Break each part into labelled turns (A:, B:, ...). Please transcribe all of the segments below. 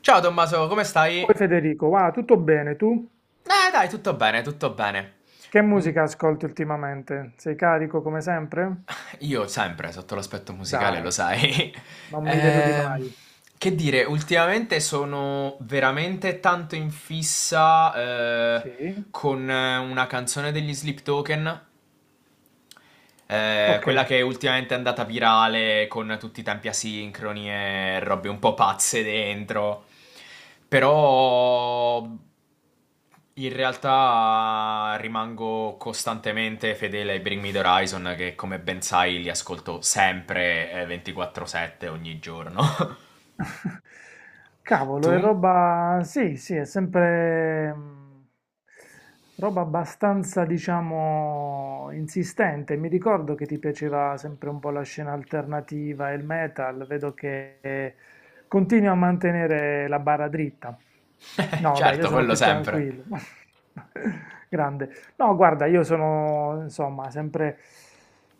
A: Ciao Tommaso, come stai?
B: Oi Federico, va tutto bene tu?
A: Dai, tutto bene, tutto bene.
B: Che
A: Mm,
B: musica ascolti ultimamente? Sei carico come sempre?
A: Io sempre, sotto l'aspetto musicale, lo
B: Dai,
A: sai.
B: non mi deludi
A: Ehm,
B: mai.
A: che dire, ultimamente sono veramente tanto in fissa
B: Sì?
A: con una canzone degli Sleep Token, quella
B: Ok.
A: che ultimamente è andata virale con tutti i tempi asincroni e robe un po' pazze dentro. Però in realtà rimango costantemente fedele ai Bring Me the Horizon che come ben sai li ascolto sempre 24/7 ogni giorno.
B: Cavolo, è
A: Tu?
B: roba... sì, è sempre roba abbastanza, diciamo, insistente. Mi ricordo che ti piaceva sempre un po' la scena alternativa e il metal. Vedo che continui a mantenere la barra dritta. No, vabbè, io
A: Certo,
B: sono
A: quello
B: più
A: sempre.
B: tranquillo. Grande. No, guarda, io sono insomma sempre,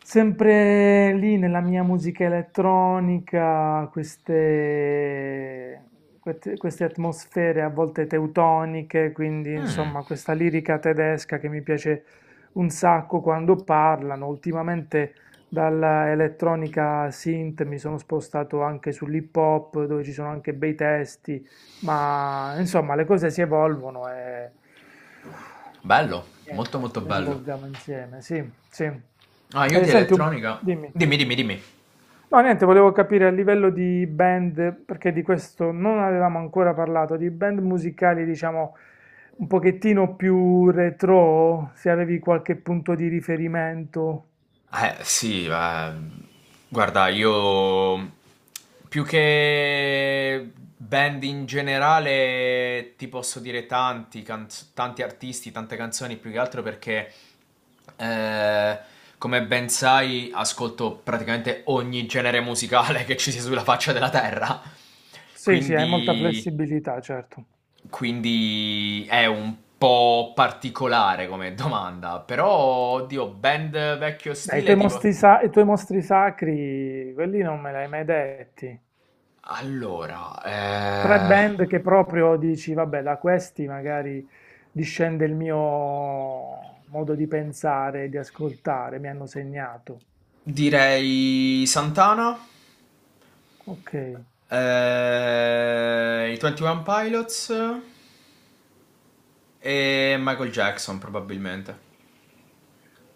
B: sempre lì nella mia musica elettronica, queste atmosfere a volte teutoniche, quindi
A: Mm,
B: insomma questa lirica tedesca che mi piace un sacco quando parlano. Ultimamente dalla elettronica synth mi sono spostato anche sull'hip hop, dove ci sono anche bei testi, ma insomma le cose si evolvono e...
A: bello, molto
B: Niente,
A: molto
B: noi ci
A: bello.
B: volviamo insieme, sì, sì.
A: Ah, io
B: E
A: di
B: senti,
A: elettronica.
B: dimmi.
A: Dimmi, dimmi, dimmi.
B: No, niente, volevo capire a livello di band, perché di questo non avevamo ancora parlato, di band musicali, diciamo, un pochettino più retro, se avevi qualche punto di riferimento.
A: Eh sì, ma guarda, io più che band in generale ti posso dire tanti artisti, tante canzoni, più che altro perché eh, come ben sai ascolto praticamente ogni genere musicale che ci sia sulla faccia della terra.
B: Sì, sì, hai molta
A: Quindi,
B: flessibilità, certo.
A: quindi è un po' particolare come domanda, però oddio, band vecchio
B: Dai, i
A: stile
B: tuoi
A: tipo...
B: mostri, i tuoi mostri sacri, quelli non me li hai mai detti.
A: Allora,
B: Tre band che proprio dici, vabbè, da questi magari discende il mio modo di pensare, di ascoltare, mi hanno segnato.
A: direi Santana,
B: Ok.
A: i 21 Pilots e Michael Jackson probabilmente.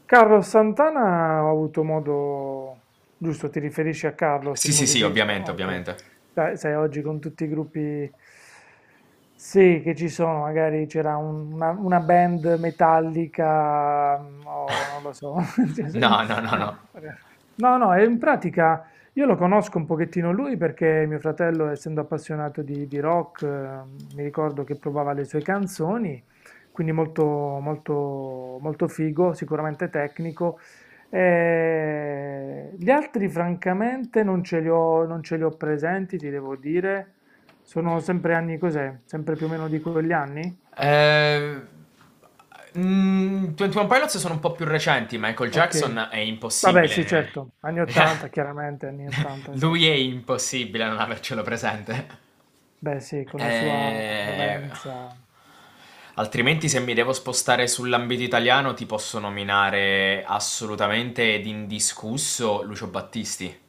B: Carlos Santana ho avuto modo... Giusto, ti riferisci a Carlos,
A: Sì,
B: il
A: sì, sì,
B: musicista?
A: ovviamente,
B: Ok.
A: ovviamente.
B: Sai, sai, oggi con tutti i gruppi... Sì, che ci sono, magari c'era una band metallica, o non lo so. Cioè,
A: No, no, no,
B: no,
A: no.
B: no, no, e in pratica io lo conosco un pochettino lui perché mio fratello, essendo appassionato di rock, mi ricordo che provava le sue canzoni quindi molto figo, sicuramente tecnico. Gli altri, francamente, non ce li ho presenti, ti devo dire. Sono sempre anni cos'è? Sempre più o meno di quegli anni?
A: Eh, 21 Pilots sono un po' più recenti, Michael
B: Ok.
A: Jackson è
B: Vabbè, sì,
A: impossibile.
B: certo, anni 80, chiaramente, anni 80,
A: Lui
B: certo.
A: è impossibile non avercelo presente.
B: Beh, sì, con la sua
A: Eh,
B: movenza.
A: Altrimenti se mi devo spostare sull'ambito italiano ti posso nominare assolutamente ed indiscusso Lucio Battisti.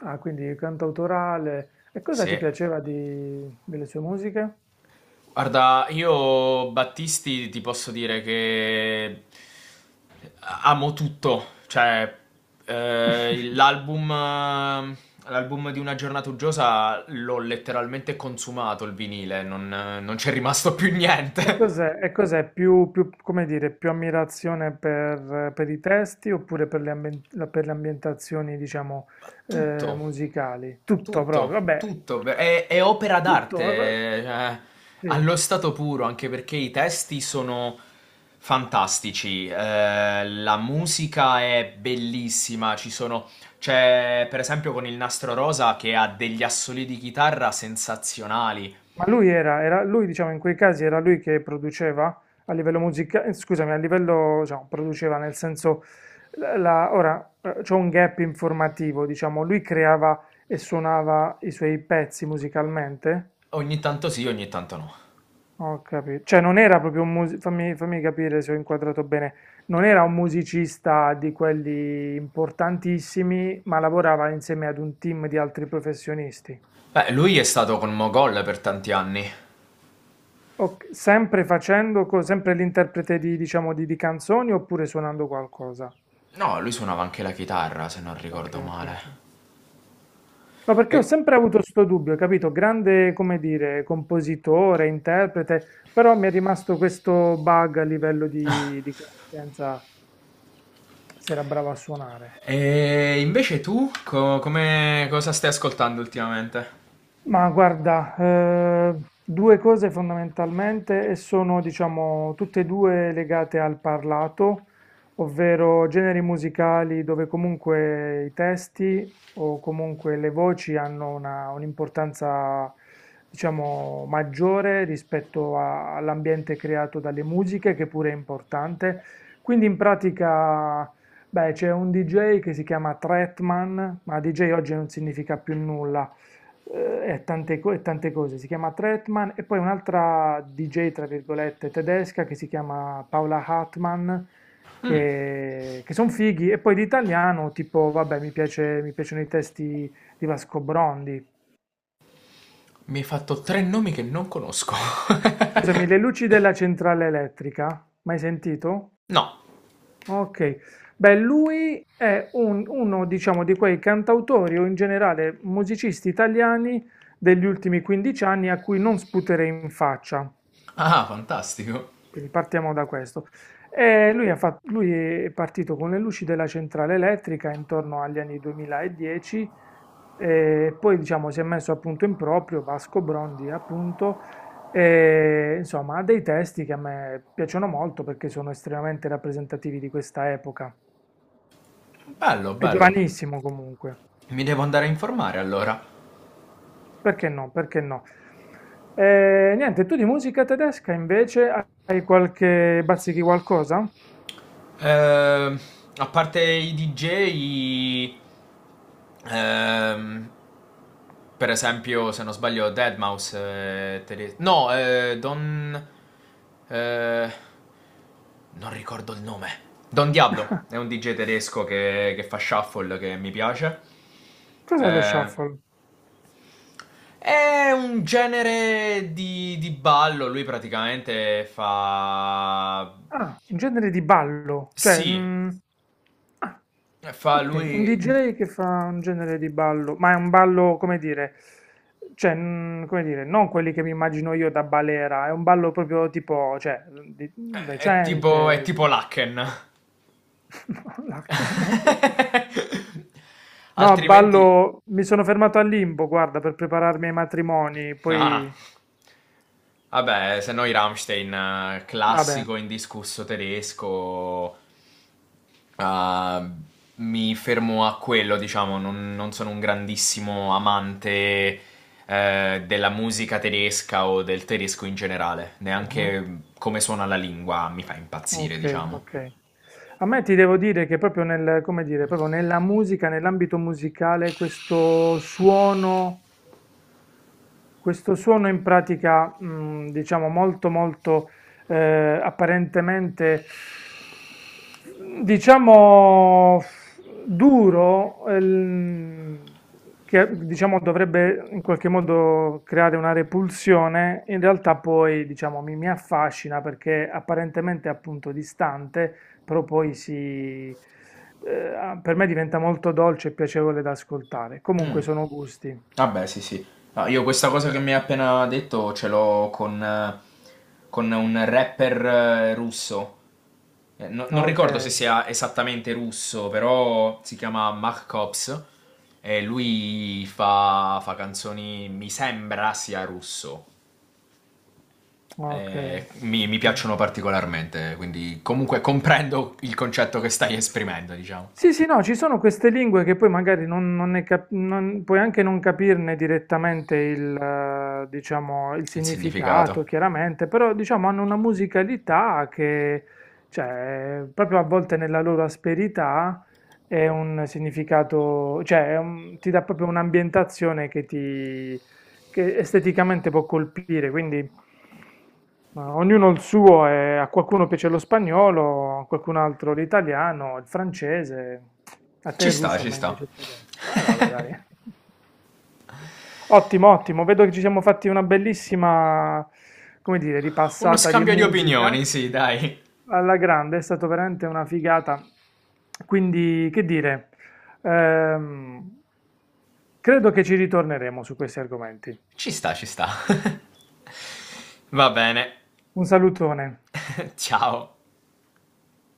B: Ah, quindi cantautorale. E cosa
A: Sì.
B: ti piaceva delle sue musiche?
A: Guarda, io Battisti ti posso dire che amo tutto, cioè eh, l'album l'album di Una giornata uggiosa l'ho letteralmente consumato il vinile, non c'è rimasto più
B: E
A: niente.
B: cos'è? E cos'è? Come dire, più ammirazione per i testi oppure per le, per le ambientazioni, diciamo,
A: Tutto.
B: musicali? Tutto proprio,
A: Tutto,
B: vabbè,
A: tutto, è opera d'arte,
B: tutto.
A: cioè,
B: Sì.
A: allo stato puro, anche perché i testi sono fantastici, la musica è bellissima, ci sono, c'è per esempio con il Nastro Rosa che ha degli assoli di chitarra sensazionali,
B: Ma lui lui, diciamo, in quei casi era lui che produceva a livello musicale, scusami, a livello, diciamo, produceva nel senso, ora, c'è un gap informativo, diciamo, lui creava e suonava i suoi pezzi musicalmente?
A: ogni tanto sì, ogni tanto no.
B: Ho capito. Cioè, non era proprio un musicista, fammi capire se ho inquadrato bene, non era un musicista di quelli importantissimi, ma lavorava insieme ad un team di altri professionisti.
A: Beh, lui è stato con Mogol per tanti anni.
B: Ok, sempre facendo, sempre l'interprete di, diciamo, di canzoni oppure suonando qualcosa?
A: No, lui suonava anche la chitarra, se non
B: Ok,
A: ricordo
B: ok,
A: male.
B: ok. No, perché ho
A: E
B: sempre avuto questo dubbio, capito? Grande, come dire, compositore, interprete, però mi è rimasto questo bug a livello di conoscenza, se era bravo a suonare.
A: E invece tu, come cosa stai ascoltando ultimamente?
B: Ma guarda, due cose fondamentalmente e sono, diciamo, tutte e due legate al parlato, ovvero generi musicali dove comunque i testi o comunque le voci hanno un'importanza, diciamo, maggiore rispetto all'ambiente creato dalle musiche, che pure è importante. Quindi in pratica... Beh, c'è un DJ che si chiama Tretman, ma DJ oggi non significa più nulla, e e tante cose. Si chiama Tretman e poi un'altra DJ, tra virgolette, tedesca che si chiama Paola Hartmann,
A: Mm,
B: che sono fighi. E poi di italiano, tipo, vabbè, mi piacciono i testi di Vasco Brondi.
A: mi hai fatto tre nomi che non conosco.
B: Scusami, le luci della centrale elettrica, mai sentito?
A: No.
B: Ok. Beh, lui è uno, diciamo, di quei cantautori o in generale musicisti italiani degli ultimi 15 anni a cui non sputerei in faccia.
A: Ah, fantastico.
B: Quindi partiamo da questo. Lui è partito con le luci della centrale elettrica intorno agli anni 2010 e poi diciamo, si è messo appunto in proprio Vasco Brondi, appunto, e, insomma, ha dei testi che a me piacciono molto perché sono estremamente rappresentativi di questa epoca.
A: Bello,
B: È
A: bello.
B: giovanissimo comunque,
A: Mi devo andare a informare allora.
B: perché no? Perché no? Niente, tu di musica tedesca invece hai qualche bazzichi qualcosa?
A: Ehm, a parte i DJ, ehm, per esempio, se non sbaglio, Deadmau5. No, eh, non ricordo il nome. Don Diablo è un DJ tedesco che fa shuffle che mi piace.
B: Cos'è lo
A: Eh,
B: shuffle?
A: è un genere di ballo. Lui praticamente fa.
B: Ah, un genere di ballo, cioè...
A: Sì,
B: ah,
A: fa lui.
B: ok, un DJ che fa un genere di ballo, ma è un ballo, come dire, cioè, come dire, non quelli che mi immagino io da balera, è un ballo proprio tipo, cioè,
A: È
B: recente.
A: tipo Lacken.
B: No, no. No,
A: Altrimenti.
B: ballo, mi sono fermato al limbo, guarda, per prepararmi ai matrimoni,
A: Ah,
B: poi...
A: vabbè, se no i Rammstein,
B: Vabbè.
A: classico indiscusso tedesco. Ah, mi fermo a quello, diciamo, non sono un grandissimo amante della musica tedesca o del tedesco in generale, neanche come suona la lingua mi fa impazzire,
B: Ok,
A: diciamo.
B: ok. A me ti devo dire che proprio nel, come dire, proprio nella musica, nell'ambito musicale, questo suono. Questo suono in pratica, diciamo molto apparentemente, diciamo duro, che diciamo dovrebbe in qualche modo creare una repulsione, in realtà poi diciamo mi affascina perché apparentemente appunto distante, però poi si, per me diventa molto dolce e piacevole da ascoltare.
A: Mm,
B: Comunque sono gusti.
A: vabbè, sì, sì. No, io questa cosa che mi hai appena detto ce l'ho con un rapper russo. Non
B: Ok.
A: ricordo se sia esattamente russo, però si chiama Mark Cops e lui fa, fa canzoni, mi sembra sia russo.
B: Okay,
A: Mi
B: okay.
A: piacciono particolarmente, quindi comunque comprendo il concetto che stai esprimendo, diciamo,
B: Sì, sì, no, ci sono queste lingue che poi magari non ne puoi anche non capirne direttamente il, diciamo, il
A: e il
B: significato,
A: significato.
B: chiaramente, però diciamo hanno una musicalità che, cioè, proprio a volte nella loro asperità è un significato, cioè è ti dà proprio un'ambientazione che ti che esteticamente può colpire, quindi ma ognuno il suo, e a qualcuno piace lo spagnolo, a qualcun altro l'italiano, il francese, a te
A: Ci
B: il
A: sta,
B: russo, a
A: ci
B: me
A: sta.
B: invece il tedesco. Vabbè, dai. Ottimo, ottimo, vedo che ci siamo fatti una bellissima, come dire,
A: Uno
B: ripassata di
A: scambio di
B: musica
A: opinioni, sì, dai.
B: alla grande, è stata veramente una figata. Quindi, che dire, ehm, credo che ci ritorneremo su questi argomenti.
A: Ci sta, ci sta. Va bene.
B: Un salutone.
A: Ciao.